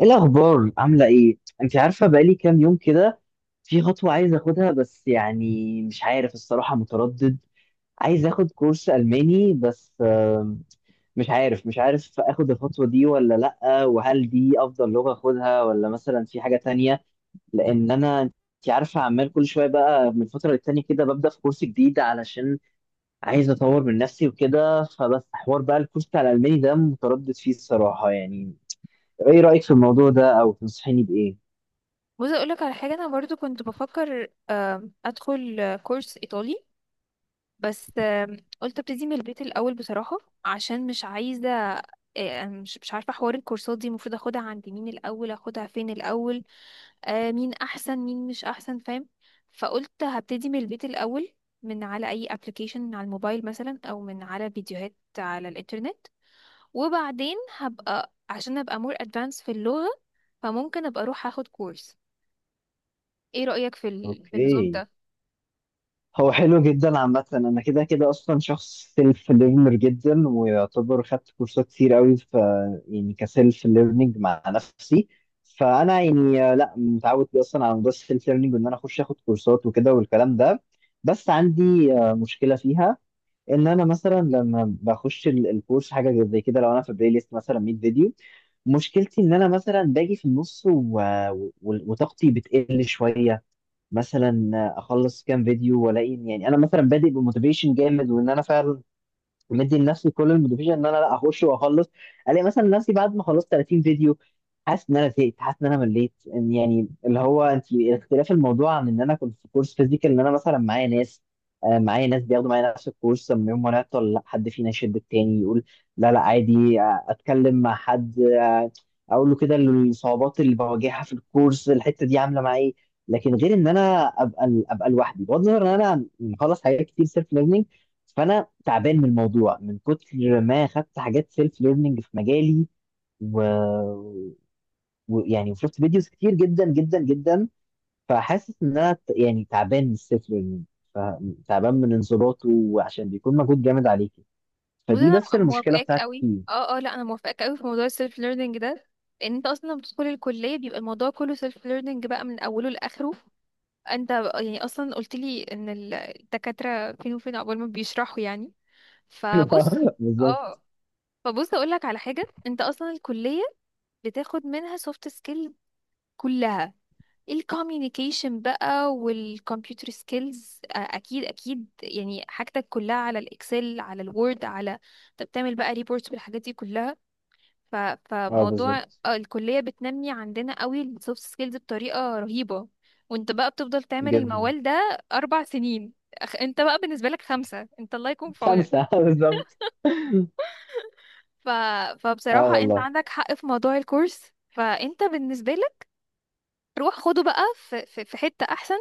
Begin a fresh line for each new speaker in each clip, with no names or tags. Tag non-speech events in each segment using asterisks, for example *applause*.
ايه الاخبار؟ عامله ايه؟ انت عارفه بقالي كام يوم كده، في خطوه عايز اخدها، بس يعني مش عارف، الصراحه متردد. عايز اخد كورس الماني، بس مش عارف اخد الخطوه دي ولا لا، وهل دي افضل لغه اخدها ولا مثلا في حاجه تانية؟ لان انا، انت عارفه، عمال كل شويه بقى من فتره للتانيه كده ببدا في كورس جديد، علشان عايز اطور من نفسي وكده. فبس حوار بقى الكورس بتاع الالماني ده متردد فيه الصراحه يعني. ايه رايك في الموضوع ده، او تنصحيني بايه؟
بص اقول لك على حاجه. انا برضو كنت بفكر ادخل كورس ايطالي، بس قلت ابتدي من البيت الاول بصراحه، عشان مش عايزه. مش عارفه حوار الكورسات دي، المفروض اخدها عند مين الاول؟ اخدها فين الاول؟ مين احسن مين مش احسن، فاهم؟ فقلت هبتدي من البيت الاول، من على اي ابلكيشن، من على الموبايل مثلا، او من على فيديوهات على الانترنت. وبعدين هبقى عشان ابقى مور ادفانس في اللغه، فممكن ابقى اروح اخد كورس. ايه رأيك في في النظام
اوكي.
ده؟
هو حلو جدا عامة، انا كده كده اصلا شخص سيلف ليرنر جدا، ويعتبر خدت كورسات كتير قوي في، يعني كسيلف ليرنينج مع نفسي. فانا يعني لا متعود اصلا على موضوع السيلف ليرنينج، وان انا اخش اخد كورسات وكده والكلام ده. بس عندي مشكلة فيها، ان انا مثلا لما بخش الكورس، حاجة زي كده، لو انا في بلاي ليست مثلا 100 فيديو، مشكلتي ان انا مثلا باجي في النص وطاقتي بتقل شوية. مثلا اخلص كام فيديو والاقي يعني انا مثلا بادئ بموتيفيشن جامد، وان انا فعلا مدي لنفسي كل الموتيفيشن ان انا لا اخش واخلص، الاقي مثلا نفسي بعد ما خلصت 30 فيديو حاسس ان انا زهقت، حاسس ان انا مليت، يعني اللي هو انت، اختلاف الموضوع عن ان انا كنت في كورس فيزيكال، ان انا مثلا معايا ناس، معايا ناس بياخدوا معايا نفس الكورس، لما يوم ما نعطل لا حد فينا يشد التاني، يقول لا لا عادي، اتكلم مع حد، اقول له كده الصعوبات اللي بواجهها في الكورس الحته دي عامله معايا إيه. لكن غير ان انا ابقى لوحدي، بغض النظر ان انا مخلص حاجات كتير سيلف. فانا تعبان من الموضوع من كتر ما خدت حاجات سيلف ليرنينج في مجالي، و... ويعني وشفت فيديوز كتير جدا جدا جدا. فحاسس ان انا يعني تعبان من السيلف ليرنينج، تعبان من انضباطه، وعشان بيكون مجهود جامد عليكي.
بص
فدي
انا
بس المشكله
موافقاك
بتاعتي
قوي،
فيه.
اه اه، لا انا موافقاك قوي في موضوع السيلف ليرنينج ده، لان انت اصلا لما بتدخل الكلية بيبقى الموضوع كله سيلف ليرنينج بقى من اوله لاخره. انت يعني اصلا قلت لي ان الدكاترة فين وفين عقبال ما بيشرحوا يعني. فبص.
*laughs* بالظبط.
اه. فبص اقول لك على حاجة، انت اصلا الكلية بتاخد منها سوفت سكيل كلها، الكوميونيكيشن بقى والكمبيوتر سكيلز، اكيد اكيد يعني حاجتك كلها على الاكسل على الوورد، على طب تعمل بقى ريبورتس بالحاجات دي كلها. ف...
اه
فموضوع
بالظبط
الكلية بتنمي عندنا قوي السوفت سكيلز بطريقة رهيبة، وانت بقى بتفضل تعمل
جدا.
الموال ده اربع سنين. انت بقى بالنسبة لك خمسة، انت الله يكون في عونك.
خمسه *laughs* بالظبط.
ف...
اه
فبصراحة انت
والله.
عندك حق في موضوع الكورس. فانت بالنسبة روح خده بقى في في حتة احسن،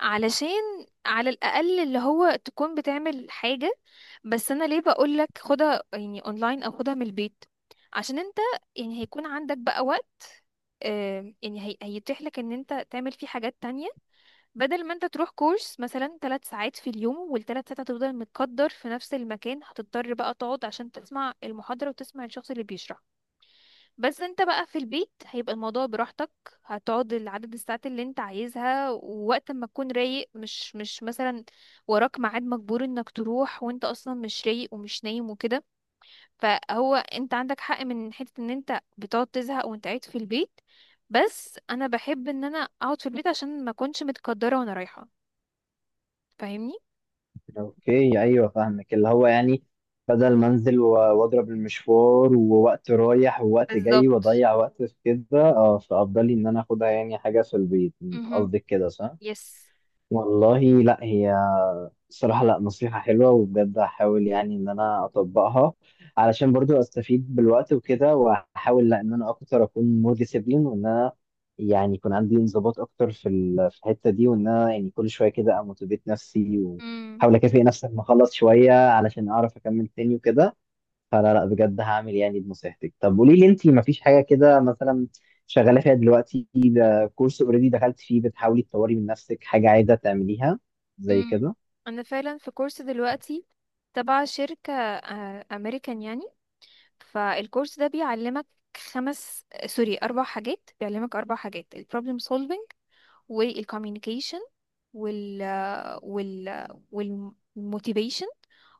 علشان على الاقل اللي هو تكون بتعمل حاجة. بس انا ليه بقولك خدها يعني اونلاين او خدها من البيت؟ عشان انت يعني هيكون عندك بقى وقت. يعني هيتيح لك ان انت تعمل فيه حاجات تانية، بدل ما انت تروح كورس مثلا ثلاث ساعات في اليوم، والثلاث ساعات هتفضل متقدر في نفس المكان، هتضطر بقى تقعد عشان تسمع المحاضرة وتسمع الشخص اللي بيشرح. بس انت بقى في البيت هيبقى الموضوع براحتك، هتقعد العدد الساعات اللي انت عايزها ووقت ما تكون رايق. مش مثلا وراك ميعاد مجبور انك تروح وانت اصلا مش رايق ومش نايم وكده. فهو انت عندك حق من حتة ان انت بتقعد تزهق وانت قاعد في البيت، بس انا بحب ان انا اقعد في البيت عشان ما اكونش متقدرة وانا رايحة. فاهمني؟
اوكي، ايوه فاهمك، اللي هو يعني بدل ما انزل واضرب المشوار ووقت رايح ووقت جاي
بالظبط.
واضيع وقت في كده، اه فافضل لي ان انا اخدها يعني حاجه في البيت.
امم.
قصدك كده، صح؟
يس.
والله لا، هي الصراحة لا نصيحة حلوة، وبجد هحاول يعني إن أنا أطبقها، علشان برضو أستفيد بالوقت وكده، وأحاول لا إن أنا أكتر أكون مور ديسيبلين، وإن أنا يعني يكون عندي انضباط أكتر في في الحتة دي، وإن أنا يعني كل شوية كده أموتيفيت نفسي، وأحاول أكافئ نفسي لما أخلص شوية علشان أعرف أكمل تاني وكده. فلا لا بجد هعمل يعني بنصيحتك. طب قولي لي أنتي، مفيش حاجة كده مثلا شغالة فيها دلوقتي، ده كورس أوريدي دخلت فيه، بتحاولي تطوري من نفسك حاجة عايزة تعمليها زي
امم.
كده؟
انا فعلا في كورس دلوقتي تبع شركة امريكان يعني. فالكورس ده بيعلمك خمس، سوري، اربع حاجات، بيعلمك اربع حاجات: البروبلم سولفينج، والكوميونيكيشن، وال وال والموتيفيشن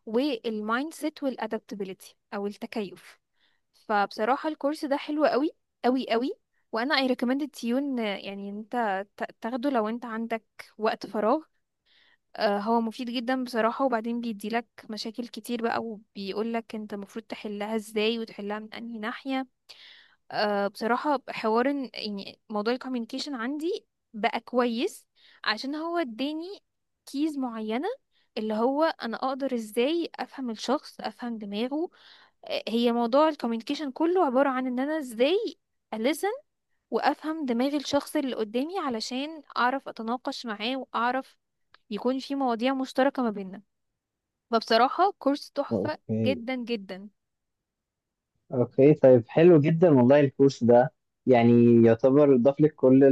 والمايند سيت، والادابتابيلتي او التكيف. فبصراحة الكورس ده حلو قوي، قوي قوي. وانا اي ريكومند تيون يعني انت تاخده لو انت عندك وقت فراغ. هو مفيد جدا بصراحة، وبعدين بيديلك مشاكل كتير بقى وبيقولك انت المفروض تحلها ازاي وتحلها من انهي ناحية. بصراحة حوار يعني موضوع الكوميونيكيشن عندي بقى كويس، عشان هو اداني كيز معينة اللي هو انا اقدر ازاي افهم الشخص افهم دماغه. هي موضوع الكوميونيكيشن كله عبارة عن ان انا ازاي ألسن وأفهم دماغ الشخص اللي قدامي علشان أعرف أتناقش معاه، وأعرف يكون في مواضيع مشتركة ما بيننا. فبصراحة كورس تحفة
اوكي.
جدا جدا.
اوكي طيب، حلو جدا والله الكورس ده، يعني يعتبر ضاف لك كل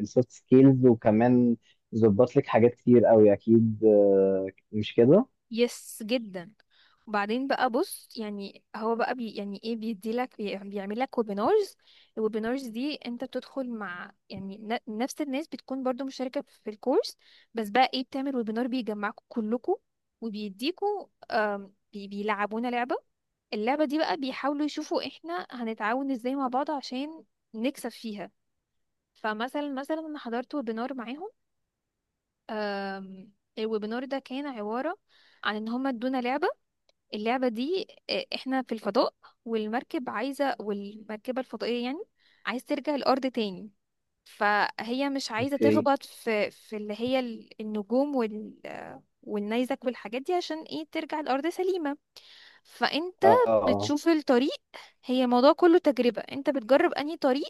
السوفت سكيلز، وكمان ظبط لك حاجات كتير قوي اكيد، مش كده؟
يس، جدا. وبعدين بقى بص، يعني هو بقى بي يعني ايه، بيديلك بيعمل لك ويبينارز. الويبينارز دي انت بتدخل مع يعني نفس الناس بتكون برضو مشاركة في الكورس، بس بقى ايه، بتعمل ويبينار بيجمعكم كلكم، وبيديكوا بيلعبونا لعبة. اللعبة دي بقى بيحاولوا يشوفوا احنا هنتعاون ازاي مع بعض عشان نكسب فيها. فمثلا انا حضرت ويبينار معاهم. آم، الويبينار ده كان عبارة عن ان هما ادونا لعبة. اللعبة دي احنا في الفضاء، والمركب عايزة، والمركبة الفضائية يعني عايز ترجع الأرض تاني. فهي مش عايزة
اوكي.
تخبط في اللي هي النجوم، وال آه، والنيزك والحاجات دي، عشان ايه ترجع الأرض سليمة. فانت
اه اه.
بتشوف الطريق. هي الموضوع كله تجربة، انت بتجرب انهي طريق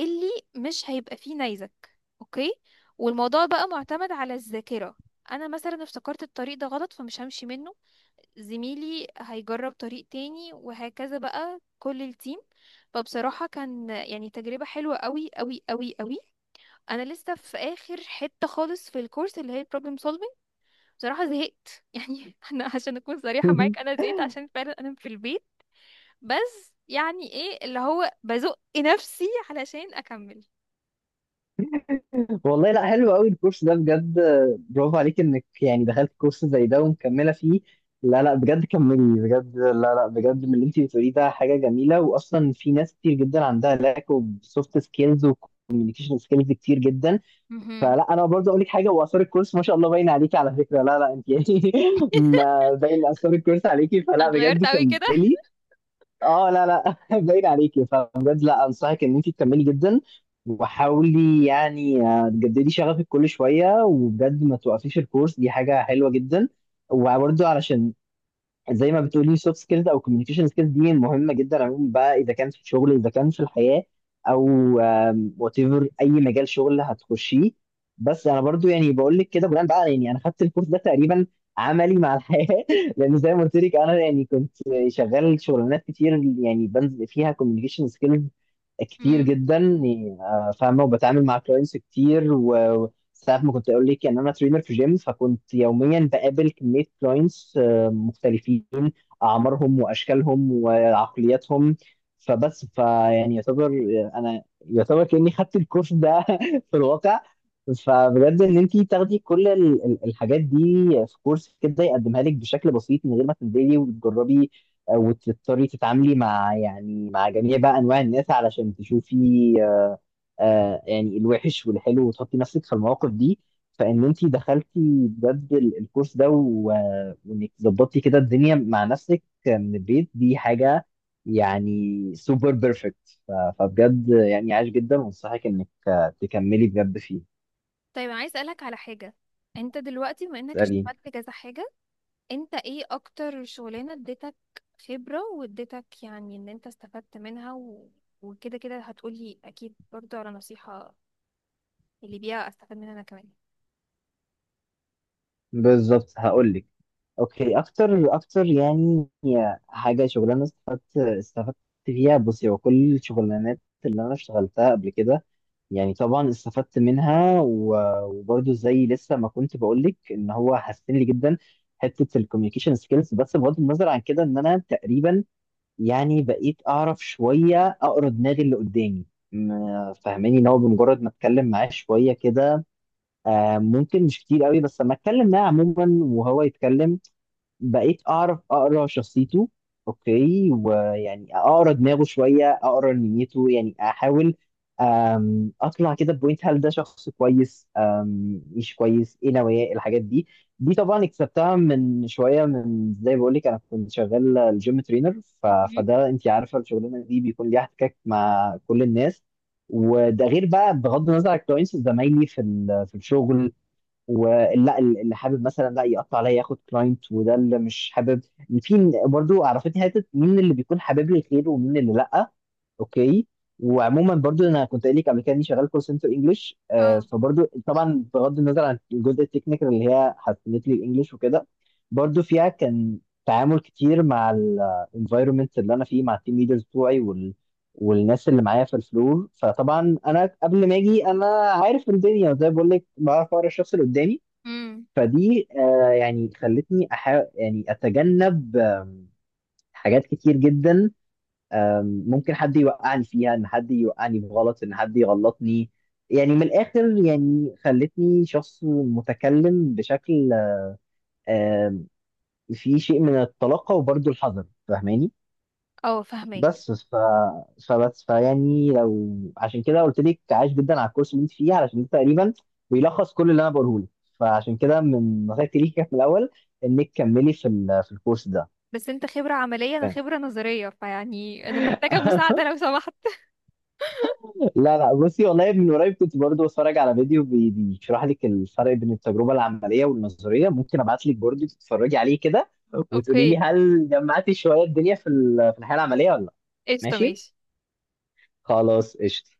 اللي مش هيبقى فيه نيزك. اوكي. والموضوع بقى معتمد على الذاكرة، انا مثلا افتكرت الطريق ده غلط فمش همشي منه، زميلي هيجرب طريق تاني، وهكذا بقى كل التيم. فبصراحة كان يعني تجربة حلوة قوي قوي قوي قوي. انا لسه في اخر حتة خالص في الكورس اللي هي البروبلم سولفينج. بصراحة زهقت، *laughs* يعني انا عشان اكون صريحة معاك
*laughs*
انا
آه.
زهقت عشان فعلا انا في البيت، بس يعني ايه اللي هو بزق نفسي علشان اكمل.
والله لا، حلو قوي الكورس ده بجد، برافو عليك انك يعني دخلت كورس زي ده ومكمله فيه. لا لا بجد كملي بجد. لا لا بجد، من اللي انت بتقوليه ده حاجه جميله، واصلا في ناس كتير جدا عندها لاك اوف سوفت سكيلز وكوميونيكيشن سكيلز كتير جدا.
مهم.
فلا انا برضه اقول لك حاجه، واثار الكورس ما شاء الله باين عليكي على فكره، لا لا انت يعني *laughs* ما باين اثار الكورس عليكي، فلا بجد
اتغيرت قوي كده.
كملي. اه، لا لا *laughs* باين عليكي، فبجد لا انصحك ان انت تكملي جدا. وحاولي يعني تجددي شغفك كل شويه، وبجد ما توقفيش الكورس، دي حاجه حلوه جدا. وبرضه علشان، زي ما بتقولي سوفت سكيلز او كوميونيكيشن سكيلز دي مهمه جدا عموما بقى، اذا كان في الشغل اذا كان في الحياه، او وات ايفر اي مجال شغل هتخشيه. بس انا برضو يعني بقول لك كده بناء بقى، يعني انا خدت الكورس ده تقريبا عملي مع الحياه *laughs* لان زي ما قلت لك انا يعني كنت شغال شغلانات كتير، يعني بنزل فيها كوميونيكيشن سكيلز كتير
امم.
جدا يعني، فاهمه، وبتعامل مع كلاينتس كتير، و ساعات ما كنت اقول لك ان انا ترينر في جيم، فكنت يوميا بقابل كميه كلاينتس مختلفين، اعمارهم واشكالهم وعقلياتهم. فبس فيعني يعتبر انا، يعتبر كاني خدت الكورس ده *laughs* في الواقع. فبجد ان انت تاخدي كل الحاجات دي في كورس كده يقدمها لك بشكل بسيط من غير ما تنزلي وتجربي، وتضطري تتعاملي مع يعني مع جميع بقى انواع الناس، علشان تشوفي يعني الوحش والحلو، وتحطي نفسك في المواقف دي. فان انت دخلتي بجد الكورس ده وانك ظبطتي كده الدنيا مع نفسك من البيت، دي حاجه يعني سوبر بيرفكت. فبجد يعني عاش جدا، وانصحك انك تكملي بجد فيه.
طيب انا عايز اسالك على حاجه. انت دلوقتي بما انك
اساليني.
اشتغلت كذا حاجه، انت ايه اكتر شغلانه اديتك خبره واديتك يعني ان انت استفدت منها، وكده كده هتقولي اكيد برضو على نصيحه اللي بيها استفاد منها انا كمان.
بالظبط هقول لك. اوكي، اكتر اكتر يعني حاجه شغلانه استفدت فيها، بصي هو كل الشغلانات اللي انا اشتغلتها قبل كده، يعني طبعا استفدت منها وبرضه زي لسه ما كنت بقول لك، ان هو حسن لي جدا حته الكوميونيكيشن سكيلز. بس بغض النظر عن كده، ان انا تقريبا يعني بقيت اعرف شويه اقرا دماغ اللي قدامي، فاهماني، ان هو بمجرد ما اتكلم معاه شويه كده ممكن مش كتير قوي، بس لما اتكلم معاه عموما وهو يتكلم بقيت اعرف اقرا شخصيته. اوكي، ويعني اقرا دماغه شويه، اقرا نيته، يعني احاول اطلع كده بوينت، هل ده شخص كويس مش كويس، ايه نوايا الحاجات دي. دي طبعا اكتسبتها من شويه، من زي بقول لك انا كنت شغال الجيم ترينر،
مهم.
فده انت عارفه الشغلانه دي بيكون ليها احتكاك مع كل الناس. وده غير بقى بغض النظر عن الكلاينتس، زمايلي في في الشغل، ولا اللي حابب مثلا لا يقطع عليا ياخد كلاينت، وده اللي مش حابب، في برضو عرفتني حته مين اللي بيكون حابب لي الخير ومين اللي لا. اوكي. وعموما برضو انا كنت قايل لك قبل كده اني شغال كول سنتر انجلش،
اه.
فبرضو طبعا بغض النظر عن الجزء التكنيكال اللي هي حسنت لي الانجليش وكده، برضو فيها كان تعامل كتير مع الانفايرمنت اللي انا فيه، مع التيم ليدرز بتوعي والناس اللي معايا في الفلور، فطبعا انا قبل ما اجي انا عارف الدنيا، زي ما بقول لك بعرف اقرا الشخص اللي قدامي.
امم.
فدي يعني خلتني يعني اتجنب حاجات كتير جدا، ممكن حد يوقعني فيها، ان حد يوقعني بغلط، ان حد يغلطني، يعني من الاخر يعني خلتني شخص متكلم بشكل آم، فيه شيء من الطلاقة وبرضه الحذر، فاهماني؟
اه، فهمك.
بس فبس فيعني لو، عشان كده قلت لك عايش جدا على الكورس اللي انت فيه، علشان انت تقريبا بيلخص كل اللي انا بقوله لك. فعشان كده من نصيحتي ليك *laughs* كانت من الاول، انك كملي في في الكورس ده.
بس انت خبره عمليه،
*laughs*
انا
فاهم؟
خبره نظريه، فيعني انا محتاجه مساعده لو سمحت. *laughs*
لا لا بصي، والله من قريب كنت برضو بتفرج على فيديو بيشرح لك الفرق بين التجربه العمليه والنظريه، ممكن ابعت لك برضو تتفرجي عليه كده، وتقولي لي
اوكي.
هل جمعتي شويه الدنيا في في الحياه العمليه ولا لا.
قشطه.
ماشي.
ماشي.
خلاص قشطه.